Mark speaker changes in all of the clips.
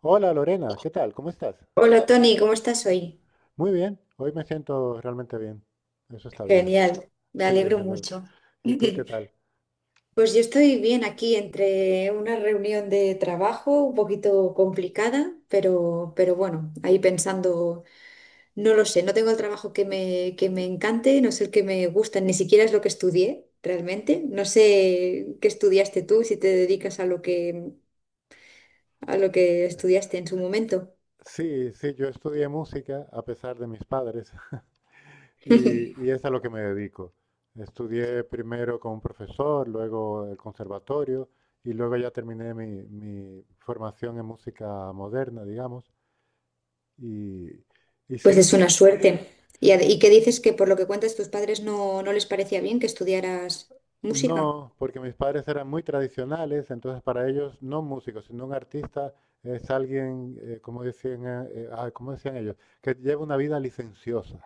Speaker 1: Hola Lorena, ¿qué tal? ¿Cómo estás?
Speaker 2: Hola Tony, ¿cómo estás hoy?
Speaker 1: Muy bien, hoy me siento realmente bien. Eso está bien.
Speaker 2: Genial, me
Speaker 1: Sí,
Speaker 2: alegro
Speaker 1: desde luego.
Speaker 2: mucho.
Speaker 1: ¿Y tú qué tal?
Speaker 2: Pues yo estoy bien aquí entre una reunión de trabajo un poquito complicada, pero bueno, ahí pensando, no lo sé, no tengo el trabajo que me encante, no es el que me gusta, ni siquiera es lo que estudié realmente. No sé qué estudiaste tú, si te dedicas a a lo que estudiaste en su momento.
Speaker 1: Sí, sí, yo estudié música a pesar de mis padres. Y es a lo que me dedico. Estudié primero con un profesor, luego el conservatorio y luego ya terminé mi formación en música moderna, digamos. Y, y
Speaker 2: Pues es
Speaker 1: sí.
Speaker 2: una suerte. ¿ Y qué dices que por lo que cuentas tus padres no les parecía bien que estudiaras música?
Speaker 1: No, porque mis padres eran muy tradicionales, entonces para ellos no un músico, sino un artista es alguien, como decían, ¿cómo decían ellos, que lleva una vida licenciosa?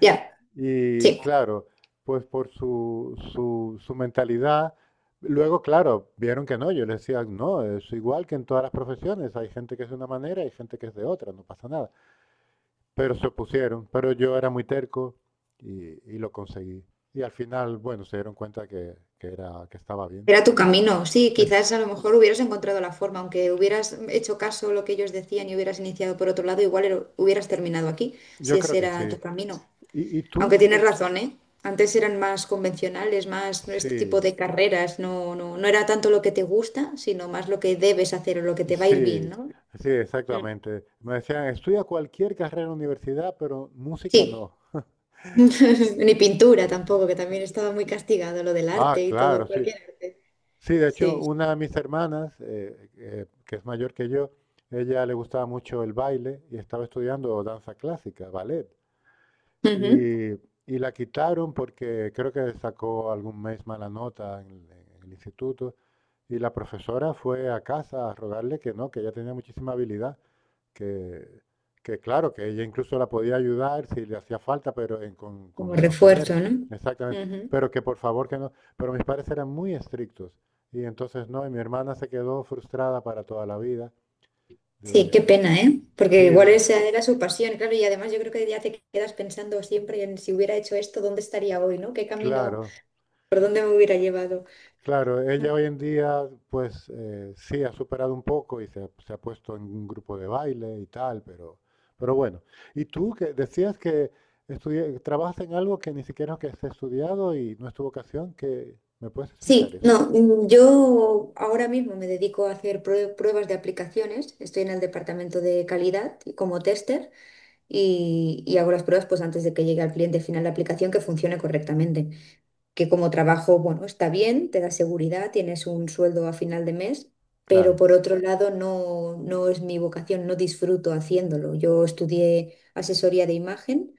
Speaker 2: Ya,
Speaker 1: Y
Speaker 2: sí,
Speaker 1: claro, pues por su mentalidad, luego claro, vieron que no, yo les decía, no, es igual que en todas las profesiones, hay gente que es de una manera y gente que es de otra, no pasa nada. Pero se opusieron, pero yo era muy terco y lo conseguí. Y al final, bueno, se dieron cuenta que era, que estaba bien.
Speaker 2: era tu camino. Sí,
Speaker 1: Es,
Speaker 2: quizás a lo mejor hubieras encontrado la forma, aunque hubieras hecho caso a lo que ellos decían y hubieras iniciado por otro lado, igual hubieras terminado aquí, si
Speaker 1: yo creo
Speaker 2: ese
Speaker 1: que
Speaker 2: era
Speaker 1: sí.
Speaker 2: tu camino.
Speaker 1: Y tú
Speaker 2: Aunque tienes
Speaker 1: qué?
Speaker 2: razón, ¿eh? Antes eran más convencionales, más este tipo
Speaker 1: Sí,
Speaker 2: de carreras, no era tanto lo que te gusta, sino más lo que debes hacer o lo que te va a ir bien,
Speaker 1: sí,
Speaker 2: ¿no?
Speaker 1: sí,
Speaker 2: Mm.
Speaker 1: exactamente. Me decían, estudia cualquier carrera en la universidad, pero música
Speaker 2: Sí.
Speaker 1: no.
Speaker 2: Ni pintura tampoco, que también estaba muy castigado lo del
Speaker 1: Ah,
Speaker 2: arte y todo,
Speaker 1: claro, sí.
Speaker 2: cualquier arte.
Speaker 1: Sí, de hecho,
Speaker 2: Sí.
Speaker 1: una de mis hermanas, que es mayor que yo, ella le gustaba mucho el baile y estaba estudiando danza clásica, ballet.
Speaker 2: Ujú.
Speaker 1: Y, y la quitaron porque creo que sacó algún mes mala nota en el instituto. Y la profesora fue a casa a rogarle que no, que ella tenía muchísima habilidad, que, que claro, que ella incluso la podía ayudar si le hacía falta, pero
Speaker 2: Como
Speaker 1: con los deberes,
Speaker 2: refuerzo, ¿no?
Speaker 1: exactamente,
Speaker 2: Ujú.
Speaker 1: pero que por favor que no, pero mis padres eran muy estrictos y entonces no, y mi hermana se quedó frustrada para toda la vida,
Speaker 2: Sí, qué
Speaker 1: de,
Speaker 2: pena, ¿eh? Porque
Speaker 1: sí,
Speaker 2: igual esa era su pasión, claro, y además yo creo que ya te quedas pensando siempre en si hubiera hecho esto, ¿dónde estaría hoy, ¿no? ¿Qué camino,
Speaker 1: claro.
Speaker 2: por dónde me hubiera llevado?
Speaker 1: Claro, ella hoy en día, pues sí, ha superado un poco y se ha puesto en un grupo de baile y tal, pero bueno. Y tú que decías que trabajas en algo que ni siquiera que has estudiado y no es tu vocación, ¿qué? ¿Me puedes explicar
Speaker 2: Sí,
Speaker 1: eso?
Speaker 2: no, mm, Yo ahora mismo me dedico a hacer pruebas de aplicaciones, estoy en el departamento de calidad y como tester. Y hago las pruebas pues antes de que llegue al cliente final la aplicación que funcione correctamente, que como trabajo, bueno, está bien, te da seguridad, tienes un sueldo a final de mes, pero
Speaker 1: Claro.
Speaker 2: por otro lado no es mi vocación, no disfruto haciéndolo. Yo estudié asesoría de imagen.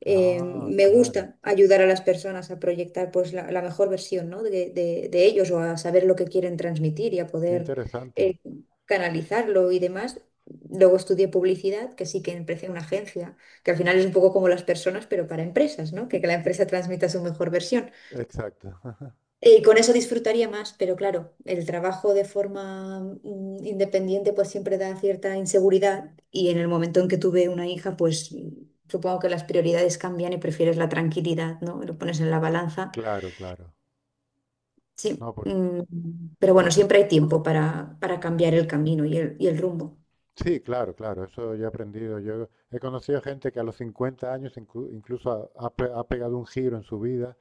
Speaker 1: Ah,
Speaker 2: Me
Speaker 1: claro.
Speaker 2: gusta ayudar a las personas a proyectar pues la mejor versión, ¿no? De ellos o a saber lo que quieren transmitir y a
Speaker 1: Qué
Speaker 2: poder
Speaker 1: interesante.
Speaker 2: eh, canalizarlo y demás. Luego estudié publicidad, que sí que empecé en una agencia, que al final es un poco como las personas, pero para empresas, ¿no? Que la empresa transmita su mejor versión.
Speaker 1: Exacto.
Speaker 2: Y con eso disfrutaría más, pero claro, el trabajo de forma independiente pues siempre da cierta inseguridad y en el momento en que tuve una hija pues supongo que las prioridades cambian y prefieres la tranquilidad, ¿no? Lo pones en la balanza.
Speaker 1: Claro, claro.
Speaker 2: Sí,
Speaker 1: No,
Speaker 2: mm, pero bueno,
Speaker 1: por su-
Speaker 2: siempre hay tiempo para cambiar el camino y el rumbo.
Speaker 1: Sí, claro, claro. Eso yo he aprendido. Yo he conocido gente que a los 50 años incluso ha pegado un giro en su vida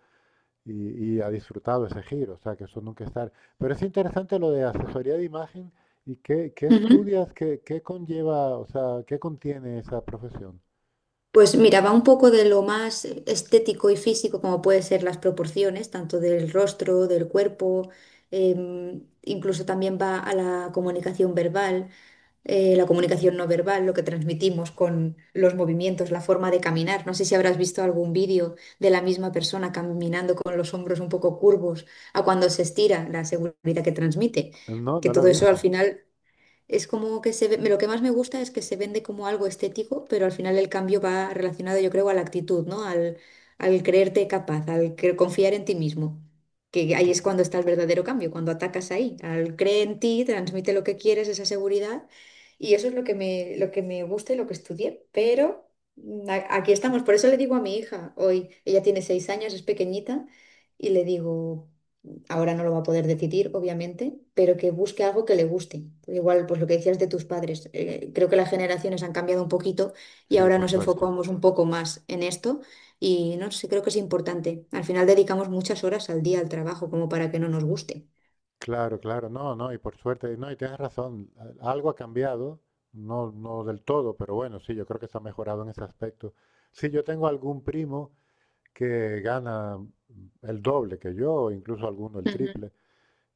Speaker 1: y ha disfrutado ese giro, o sea, que eso nunca estar. Pero es interesante lo de asesoría de imagen y qué, qué estudias, qué, qué conlleva, o sea, qué contiene esa profesión.
Speaker 2: Pues mira, va un poco de lo más estético y físico, como puede ser las proporciones, tanto del rostro, del cuerpo, incluso también va a la comunicación verbal, la comunicación no verbal, lo que transmitimos con los movimientos, la forma de caminar. No sé si habrás visto algún vídeo de la misma persona caminando con los hombros un poco curvos a cuando se estira, la seguridad que transmite,
Speaker 1: No,
Speaker 2: que
Speaker 1: no
Speaker 2: todo
Speaker 1: lo he
Speaker 2: eso al
Speaker 1: visto.
Speaker 2: final es como que se ve, lo que más me gusta es que se vende como algo estético, pero al final el cambio va relacionado, yo creo, a la actitud, ¿no? Al, al creerte capaz, al confiar en ti mismo. Que ahí
Speaker 1: ¿Qué?
Speaker 2: es cuando está el verdadero cambio, cuando atacas ahí, al cree en ti, transmite lo que quieres, esa seguridad. Y eso es lo que lo que me gusta y lo que estudié. Pero aquí estamos, por eso le digo a mi hija hoy, ella tiene 6 años, es pequeñita, y le digo ahora no lo va a poder decidir, obviamente, pero que busque algo que le guste. Igual, pues lo que decías de tus padres, creo que las generaciones han cambiado un poquito y
Speaker 1: Sí,
Speaker 2: ahora
Speaker 1: por
Speaker 2: nos
Speaker 1: suerte.
Speaker 2: enfocamos un poco más en esto y no sé, creo que es importante. Al final dedicamos muchas horas al día al trabajo como para que no nos guste.
Speaker 1: Claro, claro, no, no, y por suerte, no, y tienes razón, algo ha cambiado, no, no del todo, pero bueno, sí, yo creo que se ha mejorado en ese aspecto. Sí, yo tengo algún primo que gana el doble que yo, incluso alguno el
Speaker 2: Ujú.
Speaker 1: triple.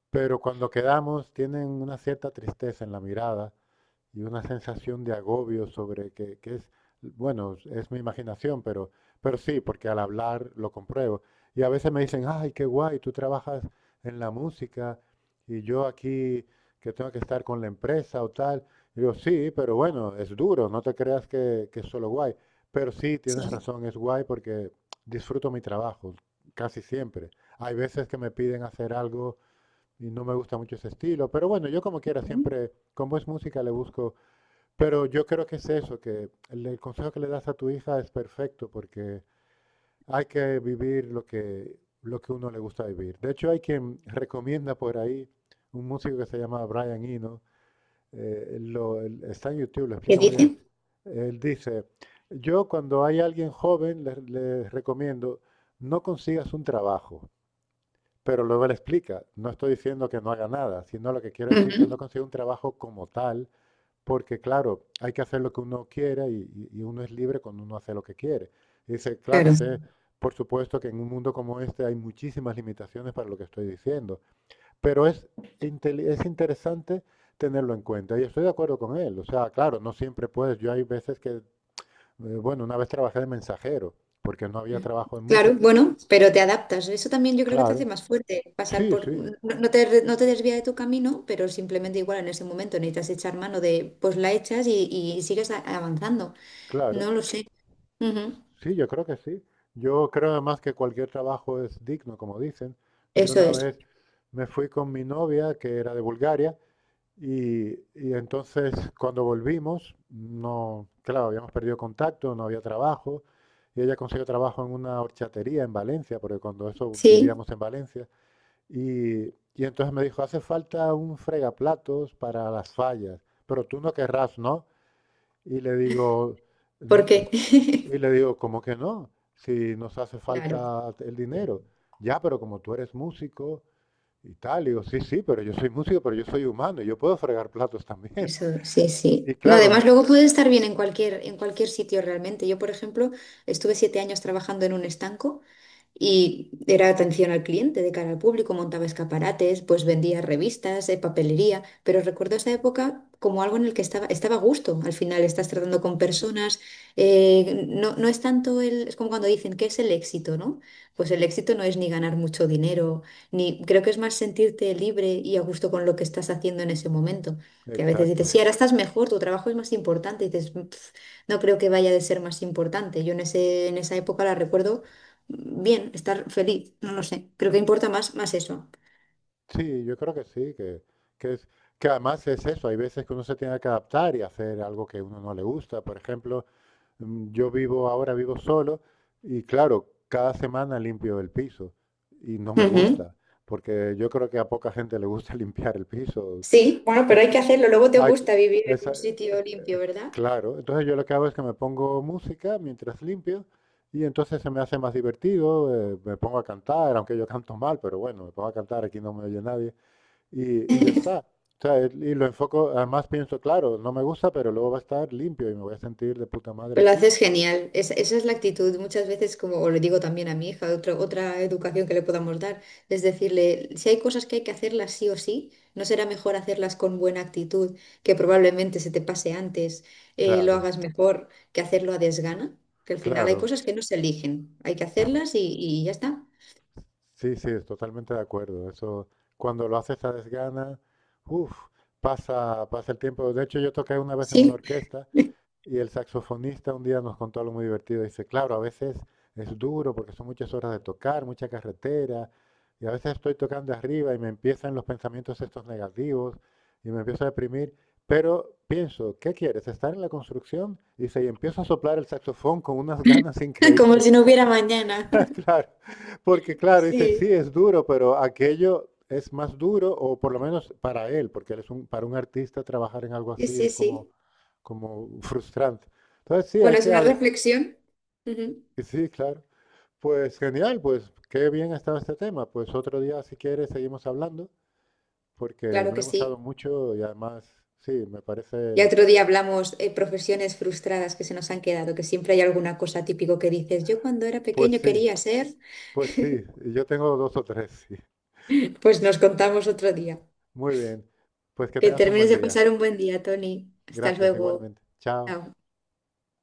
Speaker 1: Pero cuando quedamos, tienen una cierta tristeza en la mirada y una sensación de agobio sobre que es, bueno, es mi imaginación, pero sí, porque al hablar lo compruebo. Y a veces me dicen, ay, qué guay, tú trabajas en la música y yo aquí que tengo que estar con la empresa o tal. Y yo, sí, pero bueno, es duro, no te creas que es solo guay. Pero sí, tienes
Speaker 2: Sí.
Speaker 1: razón, es guay porque disfruto mi trabajo casi siempre. Hay veces que me piden hacer algo y no me gusta mucho ese estilo, pero bueno, yo como quiera
Speaker 2: Ujú.
Speaker 1: siempre, como es música, le busco, pero yo creo que es eso, que el consejo que le das a tu hija es perfecto porque hay que vivir lo que uno le gusta vivir. De hecho, hay quien recomienda por ahí un músico que se llama Brian Eno, él está en YouTube, lo
Speaker 2: ¿Qué
Speaker 1: explica muy bien.
Speaker 2: dice?
Speaker 1: Él dice, yo cuando hay alguien joven, le recomiendo, no consigas un trabajo. Pero luego le explica, no estoy diciendo que no haga nada, sino lo que quiero decir que no
Speaker 2: Ujú.
Speaker 1: consigue un trabajo como tal, porque claro, hay que hacer lo que uno quiera y, y uno es libre cuando uno hace lo que quiere. Y dice, claro,
Speaker 2: Claro.
Speaker 1: sé, por supuesto que en un mundo como este hay muchísimas limitaciones para lo que estoy diciendo, pero es, es interesante tenerlo en cuenta y estoy de acuerdo con él. O sea, claro, no siempre puedes. Yo hay veces que, bueno, una vez trabajé de mensajero, porque no había trabajo en
Speaker 2: Claro,
Speaker 1: música.
Speaker 2: bueno, pero te adaptas. Eso también yo creo que te hace
Speaker 1: Claro,
Speaker 2: más fuerte, pasar
Speaker 1: sí,
Speaker 2: por...
Speaker 1: sí,
Speaker 2: No, no te desvía de tu camino, pero simplemente igual en ese momento necesitas echar mano de, pues la echas y sigues avanzando.
Speaker 1: claro.
Speaker 2: No lo sé. Ujú.
Speaker 1: Sí, yo creo que sí. Yo creo además que cualquier trabajo es digno, como dicen. Yo
Speaker 2: Eso
Speaker 1: una
Speaker 2: es.
Speaker 1: vez me fui con mi novia, que era de Bulgaria, y, y entonces cuando volvimos, no, claro, habíamos perdido contacto, no había trabajo, y ella consiguió trabajo en una horchatería en Valencia, porque cuando eso
Speaker 2: Sí,
Speaker 1: vivíamos en Valencia, y, y entonces me dijo, hace falta un fregaplatos para las fallas, pero tú no querrás, ¿no? Y le digo,
Speaker 2: ¿por
Speaker 1: "N- eh,
Speaker 2: qué?
Speaker 1: y le digo, ¿cómo que no? Si nos hace
Speaker 2: Claro,
Speaker 1: falta el dinero. Ya, pero como tú eres músico y tal, digo, sí, sí, pero yo soy músico, pero yo soy humano y yo puedo fregar platos también.
Speaker 2: eso sí,
Speaker 1: Y
Speaker 2: sí. No,
Speaker 1: claro,
Speaker 2: además
Speaker 1: no-
Speaker 2: luego puedes estar bien en cualquier sitio realmente. Yo, por ejemplo, estuve 7 años trabajando en un estanco. Y era atención al cliente, de cara al público, montaba escaparates, pues vendía revistas, papelería, pero recuerdo esa época como algo en el que estaba a gusto. Al final estás tratando con personas, no es tanto el, es como cuando dicen, ¿qué es el éxito, no? Pues el éxito no es ni ganar mucho dinero, ni creo que es más sentirte libre y a gusto con lo que estás haciendo en ese momento. Que a veces dices,
Speaker 1: exacto.
Speaker 2: sí, ahora estás mejor, tu trabajo es más importante, y dices, "Pf, no creo que vaya de ser más importante. Yo en en esa época la recuerdo bien, estar feliz, no lo sé. Creo que importa más, más eso.
Speaker 1: Sí, yo creo que sí, que es, que además es eso, hay veces que uno se tiene que adaptar y hacer algo que uno no le gusta. Por ejemplo, yo vivo ahora, vivo solo y claro, cada semana limpio el piso y no me
Speaker 2: Ujú.
Speaker 1: gusta, porque yo creo que a poca gente le gusta limpiar el piso.
Speaker 2: Sí, bueno, pero
Speaker 1: por-
Speaker 2: hay que hacerlo. Luego te
Speaker 1: ay, que-
Speaker 2: gusta vivir en
Speaker 1: esa-
Speaker 2: un
Speaker 1: eh,
Speaker 2: sitio limpio,
Speaker 1: eh,
Speaker 2: ¿verdad?
Speaker 1: claro, entonces yo lo que hago es que me pongo música mientras limpio y entonces se me hace más divertido, me pongo a cantar, aunque yo canto mal, pero bueno, me pongo a cantar, aquí no me oye nadie y, y ya está. O sea, y lo enfoco, además pienso, claro, no me gusta, pero luego va a estar limpio y me voy a sentir de puta madre
Speaker 2: Pero lo
Speaker 1: aquí.
Speaker 2: haces genial. Esa es la actitud. Muchas veces, como le digo también a mi hija, otra educación que le podamos dar, es decirle, si hay cosas que hay que hacerlas sí o sí, ¿no será mejor hacerlas con buena actitud, que probablemente se te pase antes, lo
Speaker 1: Claro,
Speaker 2: hagas mejor, que hacerlo a desgana? Que al final hay
Speaker 1: claro.
Speaker 2: cosas que no se eligen. Hay que hacerlas y ya está.
Speaker 1: Sí, sí, es totalmente de acuerdo. Eso, cuando lo haces a desgana, uff, pasa, pasa el tiempo. De hecho, yo toqué una vez en una
Speaker 2: Sí.
Speaker 1: orquesta. Y el saxofonista un día nos contó algo muy divertido. Dice, claro, a veces es duro porque son muchas horas de tocar, mucha carretera, y a veces estoy tocando arriba y me empiezan los pensamientos estos negativos y me empiezo a deprimir, pero pienso, ¿qué quieres? ¿Estar en la construcción? Dice, y empiezo a soplar el saxofón con unas ganas
Speaker 2: Como
Speaker 1: increíbles.
Speaker 2: si no hubiera mañana.
Speaker 1: Claro, porque claro, dice, sí,
Speaker 2: Sí,
Speaker 1: es duro, pero aquello es más duro, o por lo menos para él, porque él es un, para un artista trabajar en algo
Speaker 2: sí,
Speaker 1: así
Speaker 2: sí.
Speaker 1: es como,
Speaker 2: Sí.
Speaker 1: como frustrante. Entonces, sí, hay
Speaker 2: Bueno, es
Speaker 1: que...
Speaker 2: una reflexión. Ujú.
Speaker 1: Sí, claro. Pues genial, pues qué bien ha estado este tema. Pues otro día, si quieres, seguimos hablando, porque
Speaker 2: Claro
Speaker 1: me ha
Speaker 2: que sí.
Speaker 1: gustado mucho y además, sí, me
Speaker 2: Ya
Speaker 1: parece...
Speaker 2: otro día hablamos, profesiones frustradas que se nos han quedado, que siempre hay alguna cosa típico que dices, yo cuando era
Speaker 1: Pues
Speaker 2: pequeño
Speaker 1: sí,
Speaker 2: quería ser.
Speaker 1: pues sí, yo tengo dos o tres, sí.
Speaker 2: Pues nos contamos otro día.
Speaker 1: Muy bien, pues que
Speaker 2: Que
Speaker 1: tengas un
Speaker 2: termines
Speaker 1: buen
Speaker 2: de
Speaker 1: día.
Speaker 2: pasar un buen día, Tony. Hasta
Speaker 1: Gracias,
Speaker 2: luego.
Speaker 1: igualmente. Chao.
Speaker 2: Chao.